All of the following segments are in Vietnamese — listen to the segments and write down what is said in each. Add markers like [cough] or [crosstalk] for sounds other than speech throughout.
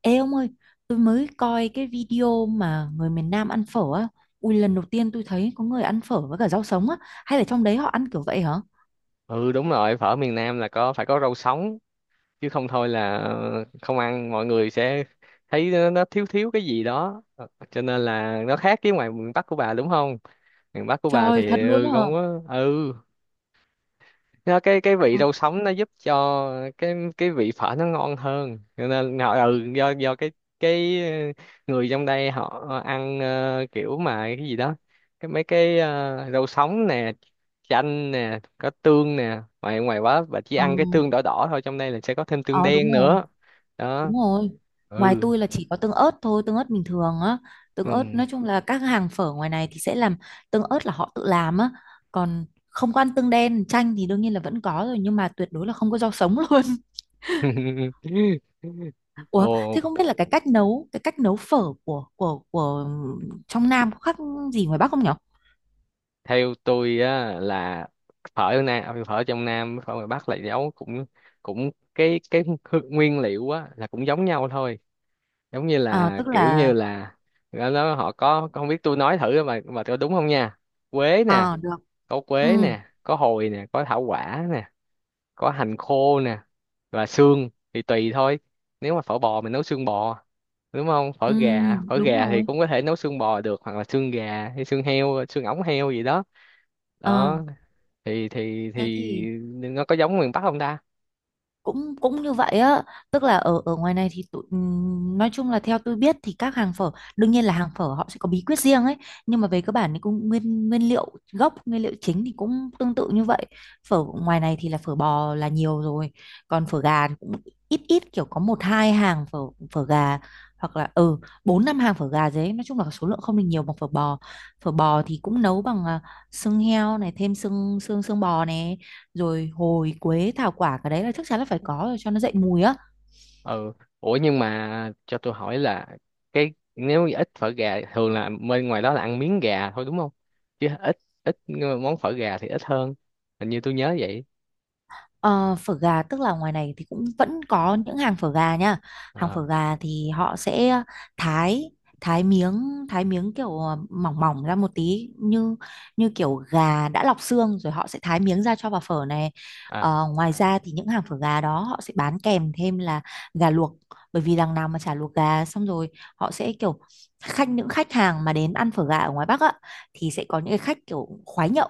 Ê ông ơi, tôi mới coi cái video mà người miền Nam ăn phở á. Ui, lần đầu tiên tôi thấy có người ăn phở với cả rau sống á. Hay là trong đấy họ ăn kiểu vậy hả? Ừ, đúng rồi. Phở miền Nam là có, phải có rau sống, chứ không thôi là không ăn mọi người sẽ thấy nó thiếu thiếu cái gì đó. Ờ, cho nên là nó khác với ngoài miền Bắc của bà, đúng không? Miền Bắc của bà Trời, thật thì luôn không hả? có. Ừ nó cái vị Ờ, rau sống nó giúp cho cái vị phở nó ngon hơn. Cho nên họ, do cái người trong đây họ ăn, kiểu mà cái gì đó, mấy cái rau sống nè, chanh nè, có tương nè, ngoài ngoài quá. Và chỉ ờ, ăn cái tương đỏ đỏ thôi, trong đây là sẽ có thêm tương ờ, đúng đen rồi, nữa đúng đó. rồi. Ngoài Ừ. tôi là chỉ có tương ớt thôi, tương ớt bình thường á. Tương ớt, Ừ. nói chung là các hàng phở ngoài này thì sẽ làm tương ớt là họ tự làm á. Còn không có ăn tương đen, chanh thì đương nhiên là vẫn có rồi. Nhưng mà tuyệt đối là không có rau sống [laughs] luôn. [laughs] Ủa, Ồ, thế không biết là cái cách nấu phở của trong Nam có khác gì ngoài Bắc không nhở? theo tôi á là phở ở nam, à, phở trong nam với phở ngoài bắc là nấu cũng cũng nguyên liệu á là cũng giống nhau thôi. Giống như À, là tức kiểu như là. là họ có, không biết tôi nói thử mà tôi đúng không nha. Quế nè, À được. có Ừ, quế nè, có hồi nè, có thảo quả nè, có hành khô nè, và xương thì tùy thôi. Nếu mà phở bò mình nấu xương bò, đúng không? Phở ừ, gà, phở đúng gà thì rồi. cũng có thể nấu xương bò được, hoặc là xương gà hay xương heo, xương ống heo gì đó, À, đó. thì thì thế thì thì nó có giống miền Bắc không ta? cũng cũng như vậy á, tức là ở ở ngoài này thì tụi nói chung là theo tôi biết thì các hàng phở đương nhiên là hàng phở họ sẽ có bí quyết riêng ấy, nhưng mà về cơ bản thì cũng nguyên nguyên liệu gốc, nguyên liệu chính thì cũng tương tự như vậy. Phở ngoài này thì là phở bò là nhiều rồi, còn phở gà thì cũng ít ít kiểu có một hai hàng phở phở gà, hoặc là bốn năm hàng phở gà đấy, nói chung là số lượng không được nhiều bằng phở bò. Phở bò thì cũng nấu bằng xương heo này, thêm xương xương xương bò này, rồi hồi, quế, thảo quả, cái đấy là chắc chắn là phải có rồi cho nó dậy mùi á. Ừ. Ủa, nhưng mà cho tôi hỏi là cái, nếu như ít phở gà, thường là bên ngoài đó là ăn miếng gà thôi, đúng không? Chứ ít ít món phở gà thì ít hơn, hình như tôi nhớ vậy. Ờ, phở gà tức là ngoài này thì cũng vẫn có những hàng phở gà nha. Hàng phở À. gà thì họ sẽ thái thái miếng kiểu mỏng mỏng ra một tí, như như kiểu gà đã lọc xương rồi họ sẽ thái miếng ra cho vào phở này. À. Ờ, ngoài ra thì những hàng phở gà đó họ sẽ bán kèm thêm là gà luộc, bởi vì đằng nào mà chả luộc gà xong rồi họ sẽ kiểu khách, những khách hàng mà đến ăn phở gà ở ngoài Bắc á, thì sẽ có những cái khách kiểu khoái nhậu,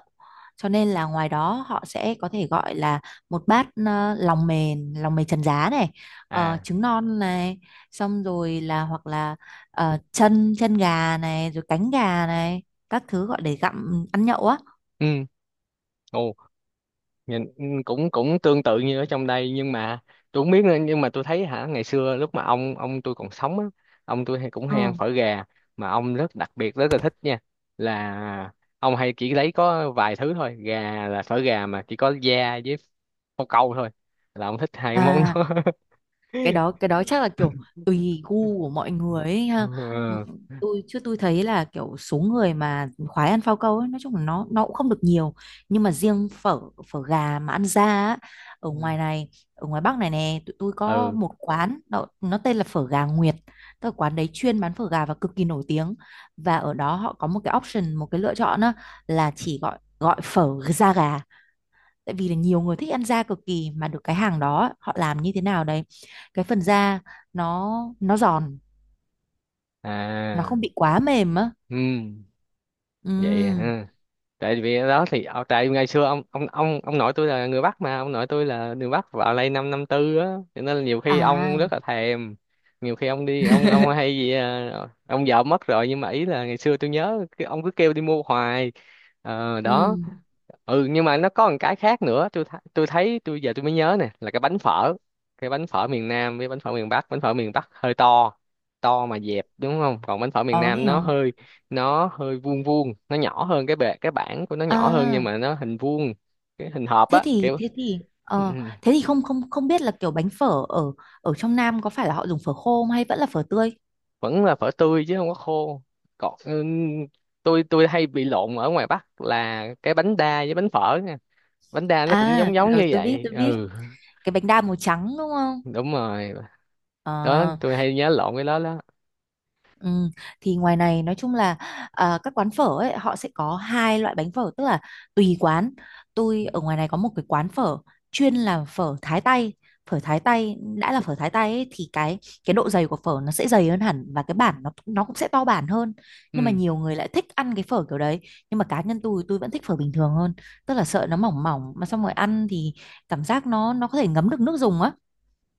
cho nên là ngoài đó họ sẽ có thể gọi là một bát lòng mềm, lòng mề trần giá này, À. trứng non này, xong rồi là hoặc là ờ, chân chân gà này, rồi cánh gà này, các thứ gọi để gặm ăn nhậu á. Ừ. Ồ. Nhìn, cũng cũng tương tự như ở trong đây. Nhưng mà tôi không biết nữa, nhưng mà tôi thấy hả, ngày xưa lúc mà ông tôi còn sống á, ông tôi hay cũng hay ăn Ừ. phở gà, mà ông rất đặc biệt, rất là thích nha. Là ông hay chỉ lấy có vài thứ thôi, gà là phở gà mà chỉ có da với phao câu thôi, là ông thích hai món À, đó. [laughs] Cái đó chắc là kiểu tùy gu của mọi người ấy ha. Ừ, Ừ. tôi chứ tôi thấy là kiểu số người mà khoái ăn phao câu ấy nói chung là nó cũng không được nhiều, nhưng mà riêng phở phở gà mà ăn ra á, ở ngoài này, ở ngoài Bắc này nè, tụi tôi có Ừ. một quán nó tên là phở gà Nguyệt, tức là quán đấy chuyên bán phở gà và cực kỳ nổi tiếng, và ở đó họ có một cái option, một cái lựa chọn á, là chỉ gọi gọi phở da gà, tại vì là nhiều người thích ăn da cực kỳ, mà được cái hàng đó họ làm như thế nào đấy cái phần da nó nó giòn, nó À. không bị quá mềm á. Ừ. Ừ, vậy Ừ. hả? Tại vì đó thì, tại ngày xưa ông nội tôi là người Bắc, mà ông nội tôi là người Bắc vào đây năm 54 á. Cho nên là nhiều khi ông À. rất là thèm, nhiều khi ông đi, ông hay [laughs] gì à, ông vợ mất rồi, nhưng mà ý là ngày xưa tôi nhớ cái ông cứ kêu đi mua hoài. Ờ, đó. Ừ. Ừ, nhưng mà nó có một cái khác nữa tôi tôi thấy, giờ tôi mới nhớ nè, là Cái bánh phở miền Nam với bánh phở miền Bắc, bánh phở miền Bắc hơi to, to mà dẹp, đúng không? Còn bánh phở miền Ờ, thế Nam nó hả? hơi, vuông vuông, nó nhỏ hơn, cái bề cái bảng của nó nhỏ hơn, nhưng À, mà nó hình vuông, cái hình hộp thế á, thì kiểu. thế thì ừ, ừ, ờ thế thì không không không biết là kiểu bánh phở ở ở trong Nam có phải là họ dùng phở khô không hay vẫn là phở tươi. Vẫn là phở tươi chứ không có khô. Còn tôi hay bị lộn ở ngoài Bắc là cái bánh đa với bánh phở nha, bánh đa nó cũng À, giống giống rồi như tôi biết, vậy. tôi biết, Ừ, cái bánh đa màu trắng đúng không? đúng rồi Ờ. đó, tôi hay nhớ lộn cái đó đó. Ừ, thì ngoài này nói chung là các quán phở ấy họ sẽ có hai loại bánh phở, tức là tùy quán. Tôi ở ngoài này có một cái quán phở chuyên làm phở Thái tây. Phở Thái tây, đã là phở Thái tây ấy, thì cái độ dày của phở nó sẽ dày hơn hẳn, và cái bản nó cũng sẽ to bản hơn, nhưng mà Ừ. nhiều người lại thích ăn cái phở kiểu đấy. Nhưng mà cá nhân tôi vẫn thích phở bình thường hơn, tức là sợ nó mỏng mỏng mà xong rồi ăn thì cảm giác nó có thể ngấm được nước dùng á.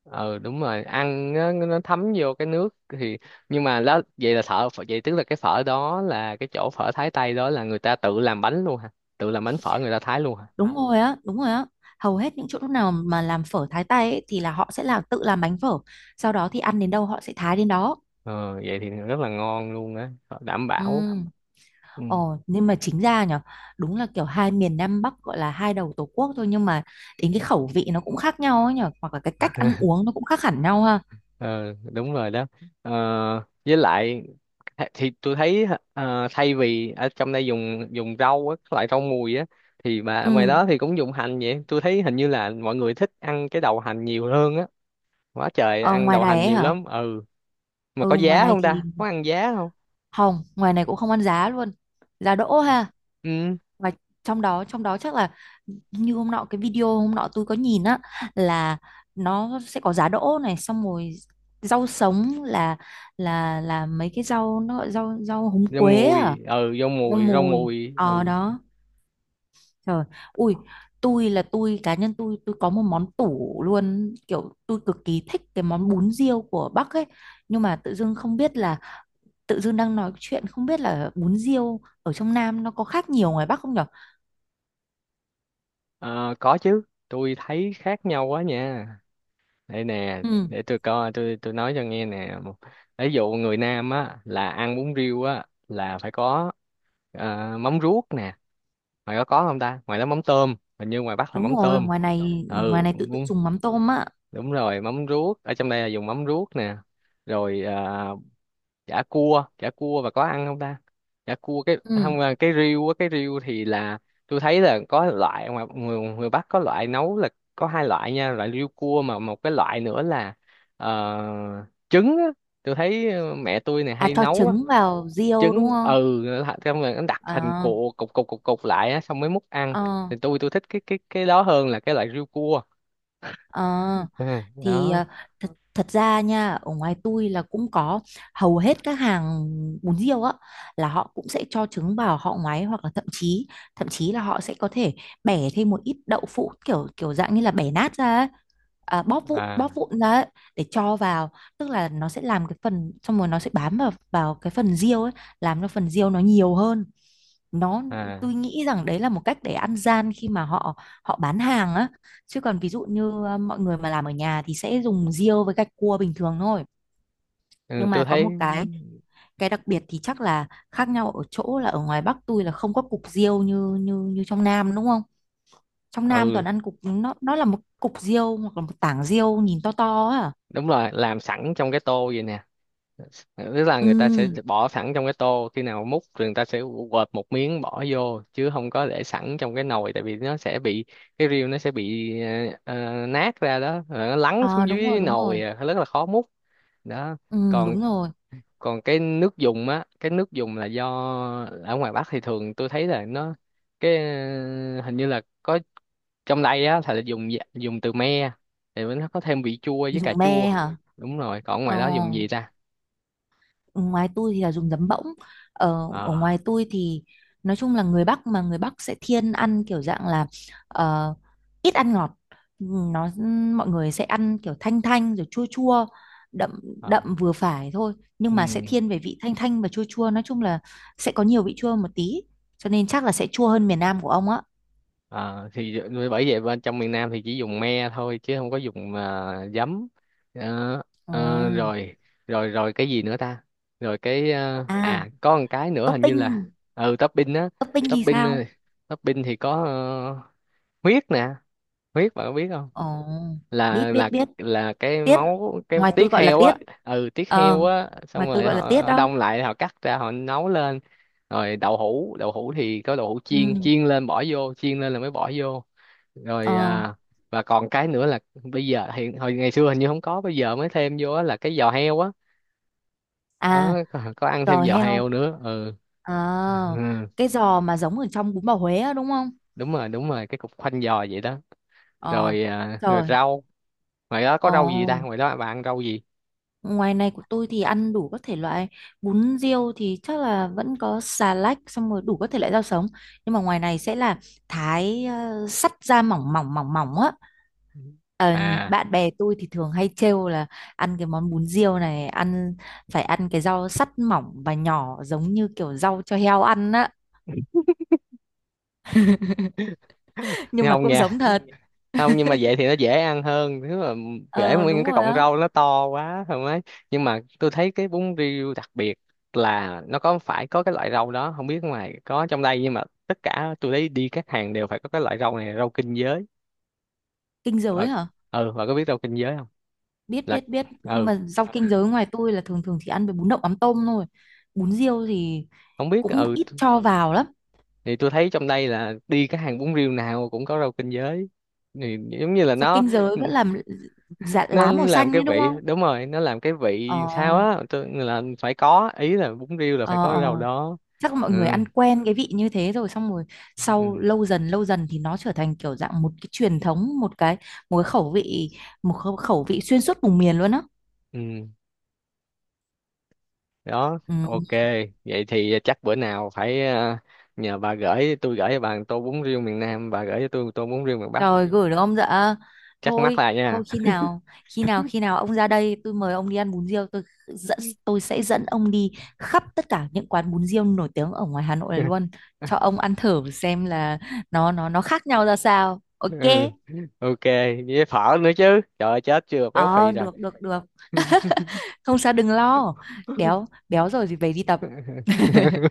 Ờ, đúng rồi, ăn nó thấm vô cái nước thì, nhưng mà đó, vậy là vậy tức là cái phở đó, là cái chỗ phở Thái Tây đó là người ta tự làm bánh luôn hả? Tự làm bánh phở người ta thái luôn hả? Đúng rồi á, đúng rồi á. Hầu hết những chỗ nào mà làm phở thái tay ấy, thì là họ sẽ tự làm bánh phở. Sau đó thì ăn đến đâu họ sẽ thái đến đó. Ờ, vậy thì rất là ngon luôn á, đảm Ừ. bảo. Ừ. Ồ, nhưng mà chính ra nhở, đúng là kiểu hai miền Nam Bắc gọi là hai đầu Tổ quốc thôi, nhưng mà đến cái khẩu vị nó cũng khác nhau ấy nhở, hoặc là cái cách ăn uống nó cũng khác hẳn nhau ha. Ờ, đúng rồi đó. Ờ, với lại, thì tôi thấy, thay vì ở trong đây dùng dùng rau á, các loại rau mùi á, thì mà ở ngoài Ừ. đó thì cũng dùng hành. Vậy tôi thấy hình như là mọi người thích ăn cái đầu hành nhiều hơn á, quá trời Ờ, ăn ngoài đầu này hành ấy nhiều hả? lắm. Ừ. Mà Ừ, có ngoài giá này không thì ta? Có ăn giá không? không, ngoài này cũng không ăn giá luôn. Giá đỗ ha. Ừ, Và trong đó chắc là như hôm nọ, cái video hôm nọ tôi có nhìn á, là nó sẽ có giá đỗ này, xong rồi rau sống là mấy cái rau, nó gọi rau rau húng rau quế à. mùi. Ừ, rau Rau mùi, rau mùi. mùi. Ờ. Ừ. Ừ. Đó. Trời. Ui, tôi cá nhân tôi có một món tủ luôn, kiểu tôi cực kỳ thích cái món bún riêu của Bắc ấy, nhưng mà tự dưng không biết là, tự dưng đang nói chuyện không biết là bún riêu ở trong Nam nó có khác nhiều ngoài Bắc không nhở. Ờ, có chứ, tôi thấy khác nhau quá nha. Đây nè, Ừ. để tôi coi, tôi nói cho nghe nè. Ví dụ người Nam á là ăn bún riêu á là phải có, mắm ruốc nè. Ngoài đó có không ta? Ngoài đó mắm tôm, hình như ngoài Bắc là Đúng mắm rồi, tôm. ngoài này Ừ, tự tự đúng, dùng mắm tôm á. đúng rồi, mắm ruốc, ở trong đây là dùng mắm ruốc nè. Rồi à, chả cua, chả cua, và có ăn không ta? Chả cua cái Ừ. không à, cái riêu á, cái riêu thì là, tôi thấy là có loại, ngoài người Bắc có loại nấu là, có hai loại nha, loại riêu cua, mà một cái loại nữa là trứng á. Tôi thấy mẹ tôi này À, dạ, hay cho ok. nấu Trứng vào riêu trứng, đúng không? Xong rồi nó đặt thành Ờ, cục cục cục cục cục lại á, xong mới múc ăn. ờ, Thì tôi thích cái đó hơn là cái loại riêu cua. ờ, [laughs] Ừ, thì đó. Thật ra nha, ở ngoài tôi là cũng có hầu hết các hàng bún riêu á là họ cũng sẽ cho trứng vào họ ngoái, hoặc là thậm chí là họ sẽ có thể bẻ thêm một ít đậu phụ kiểu kiểu dạng như là bẻ nát ra ấy. À, À. bóp vụn ra ấy, để cho vào, tức là nó sẽ làm cái phần xong rồi nó sẽ bám vào vào cái phần riêu ấy, làm cho phần riêu nó nhiều hơn. nó À. tôi nghĩ rằng đấy là một cách để ăn gian khi mà họ họ bán hàng á, chứ còn ví dụ như mọi người mà làm ở nhà thì sẽ dùng riêu với gạch cua bình thường thôi. Ừ, Nhưng mà tôi có thấy. một cái đặc biệt thì chắc là khác nhau ở chỗ là ở ngoài Bắc tôi là không có cục riêu như như như trong Nam đúng không, trong Nam toàn Ừ, ăn cục, nó là một cục riêu hoặc là một tảng riêu nhìn to to á à? đúng rồi, làm sẵn trong cái tô vậy nè, tức là người ta sẽ Ừ. bỏ sẵn trong cái tô, khi nào múc thì người ta sẽ quệt một miếng bỏ vô, chứ không có để sẵn trong cái nồi, tại vì nó sẽ bị cái riêu nó sẽ bị nát ra đó, rồi nó lắng À, xuống đúng rồi, dưới đúng rồi. nồi, à, rất là khó múc đó. Ừ, còn đúng rồi. còn cái nước dùng á, cái nước dùng là do ở ngoài Bắc thì thường tôi thấy là nó, hình như là có, trong đây á thì là dùng dùng từ me, thì nó có thêm vị chua với cà Dùng chua. me hả? Đúng rồi, còn Ờ, ngoài đó dùng gì ta? ngoài tôi thì là dùng giấm bỗng, ở ở Ờ. ngoài tôi thì nói chung là người Bắc, sẽ thiên ăn kiểu dạng là ờ, ít ăn ngọt, nó mọi người sẽ ăn kiểu thanh thanh rồi chua chua, đậm Ờ. đậm vừa phải thôi, nhưng Ừ. mà sẽ thiên về vị thanh thanh và chua chua, nói chung là sẽ có nhiều vị chua một tí, cho nên chắc là sẽ chua hơn miền Nam của ông á. Ờ, thì bởi vậy bên trong miền Nam thì chỉ dùng me thôi, chứ không có dùng à, giấm. Ờ. Ờ, Ừ. rồi. Rồi cái gì nữa ta? Rồi cái, À, có một cái nữa hình như là, topping. Topping á. Topping thì Topping, sao? Topping thì có, huyết nè. Huyết bạn có biết không? Ồ, biết, là biết, là biết. là cái Tiết. Dạ, máu, cái ngoài tôi tiết gọi là heo tiết. á. Ừ, tiết Ờ. heo Ừ. á, xong Ngoài tôi rồi gọi là tiết họ đó. đông lại, họ cắt ra, họ nấu lên. Rồi đậu hũ, đậu hũ thì có đậu hũ chiên, Ừ. chiên lên bỏ vô, chiên lên là mới bỏ vô. Ờ. Rồi à, và còn cái nữa là bây giờ hiện, hồi ngày xưa hình như không có, bây giờ mới thêm vô á, là cái giò heo á. À, Đó, có ăn giò thêm giò heo. heo nữa. Ừ. Ờ, Ừ, cái giò mà giống ở trong bún bò Huế á, đúng không? đúng rồi, đúng rồi, cái cục khoanh giò vậy đó. Ờ. Ừ. Rồi à, rồi Trời. rau, ngoài đó có Ờ, rau gì ta? Ngoài đó bà ăn rau gì? ngoài này của tôi thì ăn đủ các thể loại, bún riêu thì chắc là vẫn có xà lách, xong rồi đủ các thể loại rau sống, nhưng mà ngoài này sẽ là thái sắt ra mỏng mỏng mỏng mỏng á. Ờ, À, bạn bè tôi thì thường hay trêu là ăn cái món bún riêu này, phải ăn cái rau sắt mỏng và nhỏ giống như kiểu rau cho heo ăn á, nghe nhưng mà không? cũng Nghe giống thật. không? Nhưng mà vậy thì [laughs] nó dễ ăn hơn, thứ mà dễ Ờ, mua, những đúng cái rồi cọng á. rau nó to quá không ấy. Nhưng mà tôi thấy cái bún riêu đặc biệt là nó có phải có cái loại rau đó, không biết ngoài có, trong đây nhưng mà tất cả tôi thấy đi các hàng đều phải có cái loại rau này, rau kinh giới. Kinh và giới hả? ừ và có biết rau kinh giới không? Biết, Là. biết, biết, nhưng Ừ, mà rau kinh giới ngoài tôi là thường thường chỉ ăn với bún đậu mắm tôm thôi, bún riêu thì không biết. cũng Ừ, ít cho vào lắm. thì tôi thấy trong đây là đi các hàng bún riêu nào cũng có rau kinh giới, thì giống như là Rau nó kinh giới vẫn làm, dạ, nó lá màu làm xanh cái đấy đúng vị, không? đúng rồi, nó làm cái Ờ, vị sao á, tôi là phải có, ý là bún riêu là phải ờ, có cái rau ờ, đó. chắc mọi Ừ. người ăn quen cái vị như thế rồi, xong rồi sau Ừ. Lâu dần thì nó trở thành kiểu dạng một cái truyền thống, một cái khẩu vị, một khẩu khẩu vị xuyên suốt vùng miền luôn á. Ừ, đó, Ừ. ok. Vậy thì chắc bữa nào phải, nhờ bà gửi tôi, gửi cho bà một tô bún riêu miền Nam, bà gửi cho tôi một tô bún riêu miền Bắc, Rồi gửi được ông dạ? chắc mắc Thôi, lại nha. thôi, khi nào ông ra đây tôi mời ông đi ăn bún riêu, dẫn- tôi sẽ dẫn ông đi khắp tất cả những quán bún riêu nổi tiếng ở ngoài Hà Nội này luôn, cho [laughs] ông ăn thử xem là nó khác nhau ra sao. Ừ, Ok. ok, với phở nữa chứ, trời ơi, chết, chưa béo phì Ờ, rồi. được, được, được, không sao, đừng lo. Béo, [laughs] béo rồi thì về đi tập. [laughs]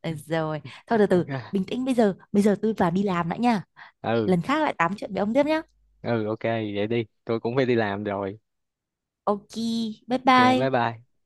Ờ, rồi thôi, từ từ Ok. bình tĩnh, bây giờ tôi vào đi làm đã nha, Ừ. lần khác lại tám chuyện với ông tiếp nhá. Ừ, ok, vậy đi, tôi cũng phải đi làm rồi. Ok. Bye Ok, bye. bye bye.